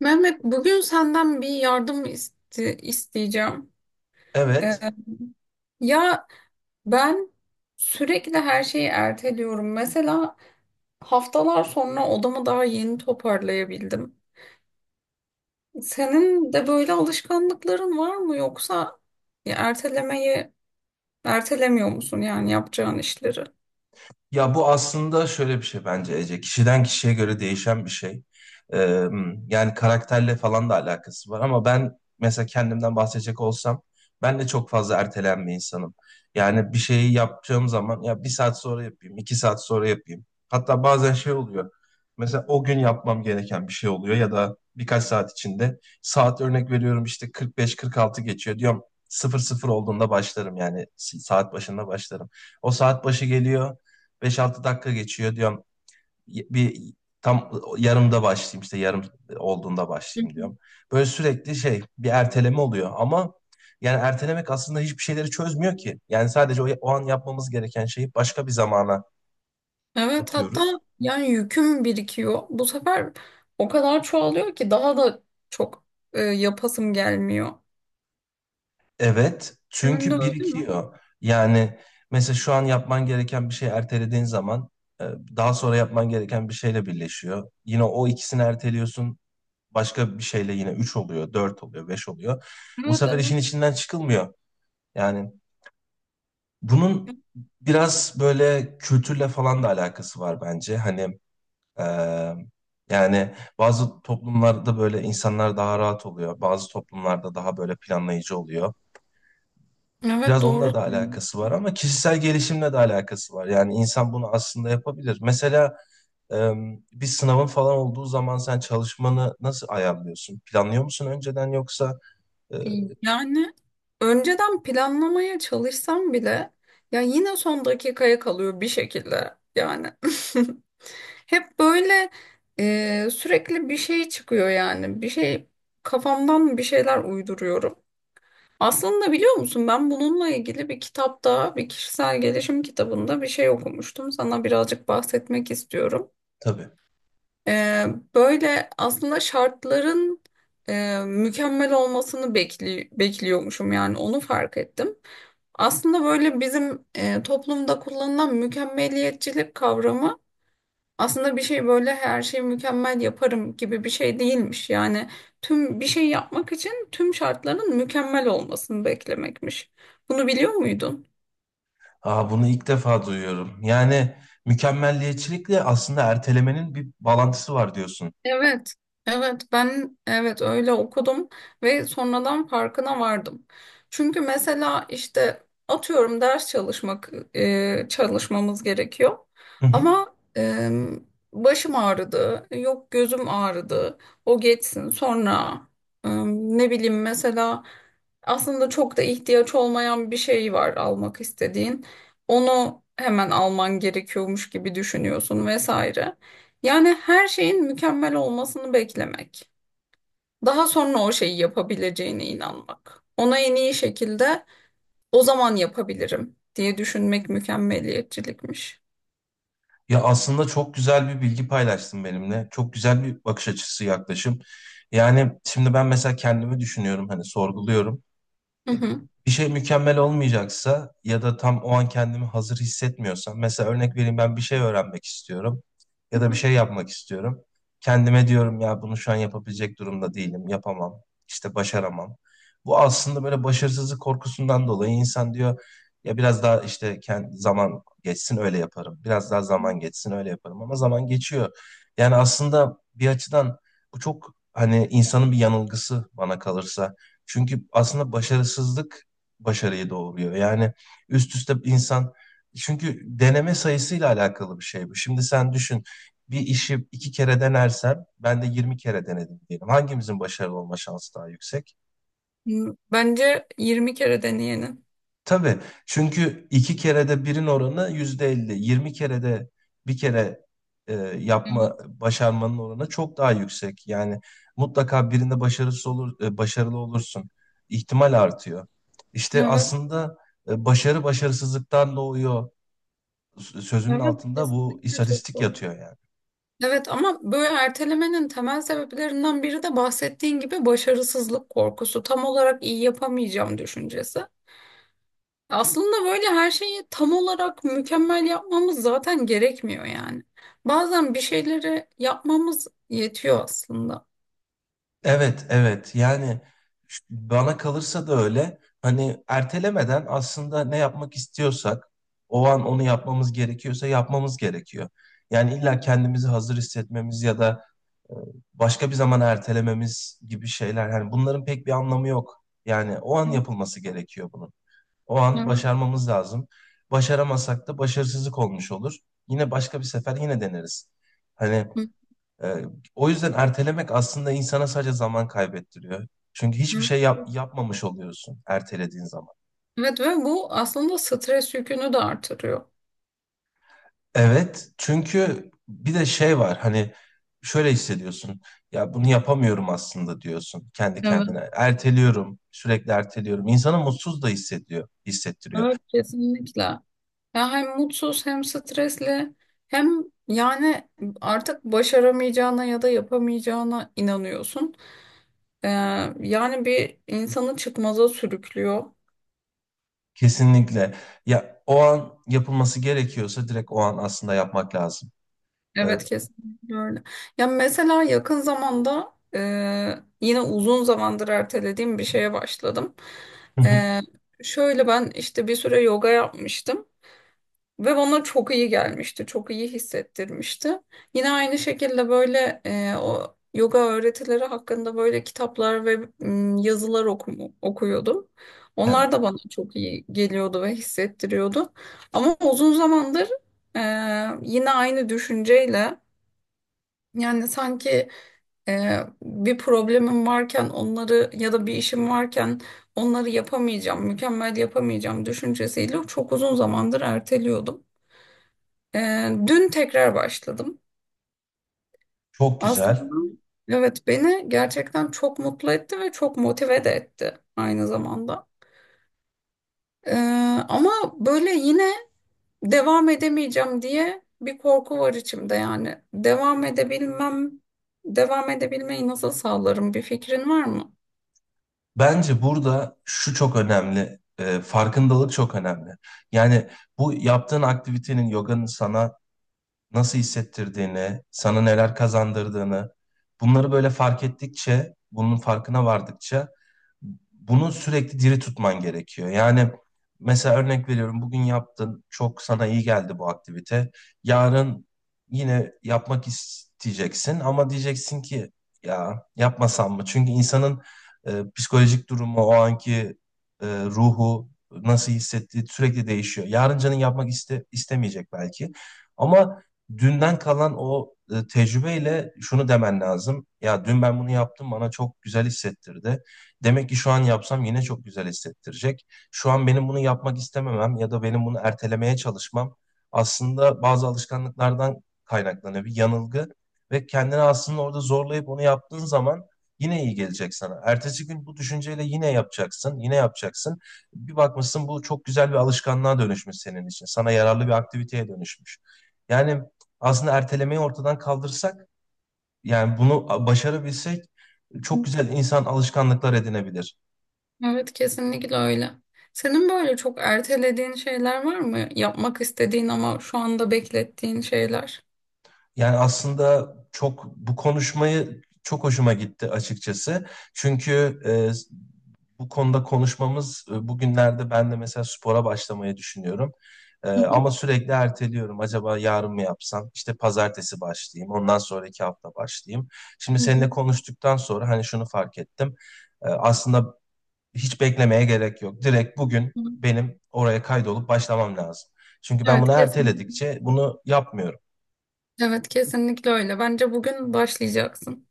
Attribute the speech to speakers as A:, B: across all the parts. A: Mehmet, bugün senden bir yardım isteyeceğim. Ee,
B: Evet.
A: ya ben sürekli her şeyi erteliyorum. Mesela haftalar sonra odamı daha yeni toparlayabildim. Senin de böyle alışkanlıkların var mı, yoksa ya ertelemeyi ertelemiyor musun yani yapacağın işleri?
B: Ya bu aslında şöyle bir şey bence Ece. Kişiden kişiye göre değişen bir şey. Ee, Yani karakterle falan da alakası var ama ben mesela kendimden bahsedecek olsam ben de çok fazla ertelen bir insanım. Yani bir şeyi yapacağım zaman ya bir saat sonra yapayım, iki saat sonra yapayım. Hatta bazen şey oluyor. Mesela o gün yapmam gereken bir şey oluyor ya da birkaç saat içinde. Saat örnek veriyorum işte 45-46 geçiyor diyorum. 00 olduğunda başlarım, yani saat başında başlarım. O saat başı geliyor. 5-6 dakika geçiyor diyorum. Bir tam yarımda başlayayım, işte yarım olduğunda
A: Hı hı.
B: başlayayım diyorum. Böyle sürekli şey bir erteleme oluyor. Ama yani ertelemek aslında hiçbir şeyleri çözmüyor ki. Yani sadece o an yapmamız gereken şeyi başka bir zamana
A: Evet, hatta
B: atıyoruz.
A: yani yüküm birikiyor. Bu sefer o kadar çoğalıyor ki daha da çok yapasım gelmiyor.
B: Evet,
A: Senin de
B: çünkü
A: öyle mi?
B: birikiyor. Yani mesela şu an yapman gereken bir şey ertelediğin zaman e, daha sonra yapman gereken bir şeyle birleşiyor. Yine o ikisini erteliyorsun. Başka bir şeyle yine 3 oluyor, 4 oluyor, 5 oluyor. Bu
A: Evet,
B: sefer
A: evet.
B: işin içinden çıkılmıyor. Yani bunun biraz böyle kültürle falan da alakası var bence. Eee, Yani bazı toplumlarda böyle insanlar daha rahat oluyor. Bazı toplumlarda daha böyle planlayıcı oluyor.
A: Evet,
B: Biraz onunla
A: doğru
B: da
A: diyorsun.
B: alakası var ama kişisel gelişimle de alakası var. Yani insan bunu aslında yapabilir. Mesela ee, bir sınavın falan olduğu zaman sen çalışmanı nasıl ayarlıyorsun? Planlıyor musun önceden, yoksa eee,
A: Yani önceden planlamaya çalışsam bile ya yine son dakikaya kalıyor bir şekilde yani. Hep böyle sürekli bir şey çıkıyor yani. Bir şey, kafamdan bir şeyler uyduruyorum. Aslında biliyor musun, ben bununla ilgili bir kitapta, bir kişisel gelişim kitabında bir şey okumuştum. Sana birazcık bahsetmek istiyorum.
B: Tabii.
A: Ee, böyle aslında şartların mükemmel olmasını bekliyormuşum, yani onu fark ettim. Aslında böyle bizim toplumda kullanılan mükemmeliyetçilik kavramı aslında bir şey, böyle her şeyi mükemmel yaparım gibi bir şey değilmiş. Yani tüm bir şey yapmak için tüm şartların mükemmel olmasını beklemekmiş. Bunu biliyor muydun?
B: Aa, bunu ilk defa duyuyorum. Yani mükemmelliyetçilikle aslında ertelemenin bir bağlantısı var diyorsun.
A: Evet, evet ben evet öyle okudum ve sonradan farkına vardım. Çünkü mesela işte atıyorum, ders çalışmak, çalışmamız gerekiyor
B: Hı hı.
A: ama başım ağrıdı, yok gözüm ağrıdı, o geçsin sonra, ne bileyim, mesela aslında çok da ihtiyaç olmayan bir şey var almak istediğin. Onu hemen alman gerekiyormuş gibi düşünüyorsun vesaire. Yani her şeyin mükemmel olmasını beklemek. Daha sonra o şeyi yapabileceğine inanmak. Ona en iyi şekilde o zaman yapabilirim diye düşünmek mükemmeliyetçilikmiş.
B: Ya aslında çok güzel bir bilgi paylaştın benimle. Çok güzel bir bakış açısı, yaklaşım. Yani şimdi ben mesela kendimi düşünüyorum, hani sorguluyorum.
A: Hı hı.
B: Bir şey mükemmel olmayacaksa ya da tam o an kendimi hazır hissetmiyorsam, mesela örnek vereyim, ben bir şey öğrenmek istiyorum ya
A: Hı
B: da bir
A: hı.
B: şey yapmak istiyorum. Kendime diyorum ya bunu şu an yapabilecek durumda değilim, yapamam, işte başaramam. Bu aslında böyle başarısızlık korkusundan dolayı insan diyor ya biraz daha işte kendi zaman geçsin öyle yaparım. Biraz daha zaman geçsin öyle yaparım ama zaman geçiyor. Yani aslında bir açıdan bu çok hani insanın bir yanılgısı bana kalırsa. Çünkü aslında başarısızlık başarıyı doğuruyor. Yani üst üste insan, çünkü deneme sayısıyla alakalı bir şey bu. Şimdi sen düşün, bir işi iki kere denersem ben de 20 kere denedim diyelim. Hangimizin başarılı olma şansı daha yüksek?
A: Hmm, bence 20 kere deneyenin.
B: Tabii, çünkü iki kerede birin oranı yüzde elli. Yirmi kerede bir kere yapma, başarmanın oranı çok daha yüksek. Yani mutlaka birinde başarısız olur, başarılı olursun. İhtimal artıyor. İşte
A: Evet,
B: aslında başarı başarısızlıktan doğuyor sözünün
A: evet evet,
B: altında bu
A: kesinlikle çok
B: istatistik
A: doğru.
B: yatıyor yani.
A: Evet, ama böyle ertelemenin temel sebeplerinden biri de bahsettiğin gibi başarısızlık korkusu. Tam olarak iyi yapamayacağım düşüncesi. Aslında böyle her şeyi tam olarak mükemmel yapmamız zaten gerekmiyor yani. Bazen bir şeyleri yapmamız yetiyor aslında.
B: Evet, evet. Yani bana kalırsa da öyle. Hani ertelemeden aslında ne yapmak istiyorsak, o an onu yapmamız gerekiyorsa yapmamız gerekiyor. Yani illa kendimizi hazır hissetmemiz ya da e, başka bir zaman ertelememiz gibi şeyler. Hani bunların pek bir anlamı yok. Yani o an yapılması gerekiyor bunun. O an
A: Evet.
B: başarmamız lazım. Başaramasak da başarısızlık olmuş olur. Yine başka bir sefer yine deneriz. Hani
A: Hı
B: ee, O yüzden ertelemek aslında insana sadece zaman kaybettiriyor. Çünkü hiçbir
A: hı.
B: şey yapmamış oluyorsun ertelediğin zaman.
A: Evet, ve bu aslında stres yükünü de artırıyor.
B: Evet, çünkü bir de şey var hani şöyle hissediyorsun. Ya bunu yapamıyorum aslında diyorsun kendi
A: Evet.
B: kendine. Erteliyorum, sürekli erteliyorum. İnsanı mutsuz da hissediyor, hissettiriyor.
A: Evet, kesinlikle. Ya hem mutsuz, hem stresli, hem yani artık başaramayacağına ya da yapamayacağına inanıyorsun. Ee, yani bir insanı çıkmaza sürüklüyor.
B: Kesinlikle. Ya o an yapılması gerekiyorsa direkt o an aslında yapmak lazım. Ee,
A: Evet, kesinlikle öyle. Ya mesela yakın zamanda yine uzun zamandır ertelediğim bir şeye başladım. E, şöyle ben işte bir süre yoga yapmıştım ve bana çok iyi gelmişti, çok iyi hissettirmişti. Yine aynı şekilde böyle o yoga öğretileri hakkında böyle kitaplar ve okuyordum. Onlar
B: evet,
A: da bana çok iyi geliyordu ve hissettiriyordu. Ama uzun zamandır e, yine aynı düşünceyle, yani sanki bir problemim varken onları ya da bir işim varken onları yapamayacağım, mükemmel yapamayacağım düşüncesiyle çok uzun zamandır erteliyordum. E, dün tekrar başladım.
B: çok güzel.
A: Aslında evet, beni gerçekten çok mutlu etti ve çok motive de etti aynı zamanda. E, ama böyle yine devam edemeyeceğim diye bir korku var içimde yani. Devam edebilmem, devam edebilmeyi nasıl sağlarım, bir fikrin var mı?
B: Bence burada şu çok önemli, farkındalık çok önemli. Yani bu yaptığın aktivitenin, yoganın sana nasıl hissettirdiğini, sana neler kazandırdığını, bunları böyle fark ettikçe, bunun farkına vardıkça bunu sürekli diri tutman gerekiyor. Yani mesela örnek veriyorum, bugün yaptın, çok sana iyi geldi bu aktivite. Yarın yine yapmak isteyeceksin ama diyeceksin ki ya yapmasam mı? Çünkü insanın psikolojik durumu, o anki ruhu nasıl hissettiği sürekli değişiyor. Yarın canın istemeyecek belki. Ama dünden kalan o tecrübeyle şunu demen lazım. Ya dün ben bunu yaptım, bana çok güzel hissettirdi. Demek ki şu an yapsam yine çok güzel hissettirecek. Şu an benim bunu yapmak istememem ya da benim bunu ertelemeye çalışmam aslında bazı alışkanlıklardan kaynaklanan bir yanılgı ve kendini aslında orada zorlayıp onu yaptığın zaman yine iyi gelecek sana. Ertesi gün bu düşünceyle yine yapacaksın, yine yapacaksın. Bir bakmışsın bu çok güzel bir alışkanlığa dönüşmüş senin için. Sana yararlı bir aktiviteye dönüşmüş. Yani aslında ertelemeyi ortadan kaldırsak, yani bunu başarabilsek, çok güzel insan alışkanlıklar edinebilir.
A: Evet, kesinlikle öyle. Senin böyle çok ertelediğin şeyler var mı? Yapmak istediğin ama şu anda beklettiğin şeyler.
B: Yani aslında çok, bu konuşmayı çok hoşuma gitti açıkçası. Çünkü bu konuda konuşmamız, bugünlerde ben de mesela spora başlamayı düşünüyorum.
A: Hı hı,
B: Ama sürekli erteliyorum. Acaba yarın mı yapsam? İşte pazartesi başlayayım. Ondan sonraki hafta başlayayım. Şimdi
A: hı hı,
B: seninle konuştuktan sonra hani şunu fark ettim. Aslında hiç beklemeye gerek yok. Direkt bugün
A: hı.
B: benim oraya kaydolup başlamam lazım. Çünkü ben
A: Evet,
B: bunu
A: kesinlikle.
B: erteledikçe bunu yapmıyorum.
A: Evet, kesinlikle öyle. Bence bugün başlayacaksın.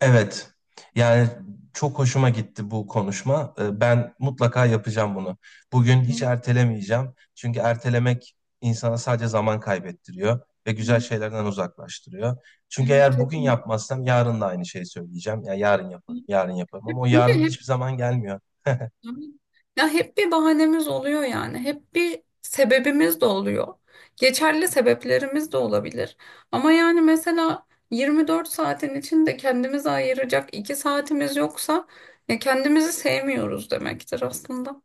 B: Evet. Yani çok hoşuma gitti bu konuşma. Ben mutlaka yapacağım bunu. Bugün hiç
A: Evet,
B: ertelemeyeceğim. Çünkü ertelemek insana sadece zaman kaybettiriyor ve güzel
A: evet,
B: şeylerden uzaklaştırıyor. Çünkü
A: evet
B: eğer bugün
A: kesinlikle.
B: yapmazsam yarın da aynı şeyi söyleyeceğim. Ya yarın yaparım, yarın yaparım ama o
A: Çünkü
B: yarın
A: hep,
B: hiçbir zaman gelmiyor.
A: ya hep bir bahanemiz oluyor yani. Hep bir sebebimiz de oluyor. Geçerli sebeplerimiz de olabilir. Ama yani mesela 24 saatin içinde kendimize ayıracak 2 saatimiz yoksa ya kendimizi sevmiyoruz demektir aslında.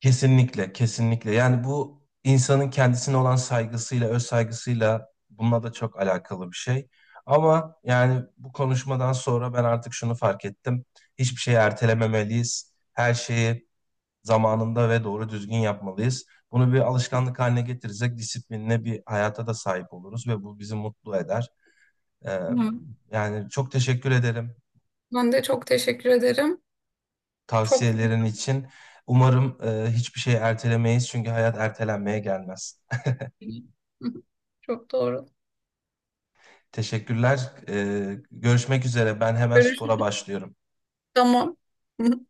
B: Kesinlikle, kesinlikle. Yani bu insanın kendisine olan saygısıyla, öz saygısıyla, bununla da çok alakalı bir şey. Ama yani bu konuşmadan sonra ben artık şunu fark ettim. Hiçbir şeyi ertelememeliyiz. Her şeyi zamanında ve doğru düzgün yapmalıyız. Bunu bir alışkanlık haline getirirsek disiplinli bir hayata da sahip oluruz ve bu bizi mutlu eder. Ee,
A: Hı.
B: Yani çok teşekkür ederim
A: Ben de çok teşekkür ederim. Çok
B: tavsiyelerin için. Umarım hiçbir şeyi ertelemeyiz çünkü hayat ertelenmeye gelmez.
A: hı çok doğru.
B: Teşekkürler. Görüşmek üzere. Ben hemen
A: Görüşürüz.
B: spora başlıyorum.
A: Tamam.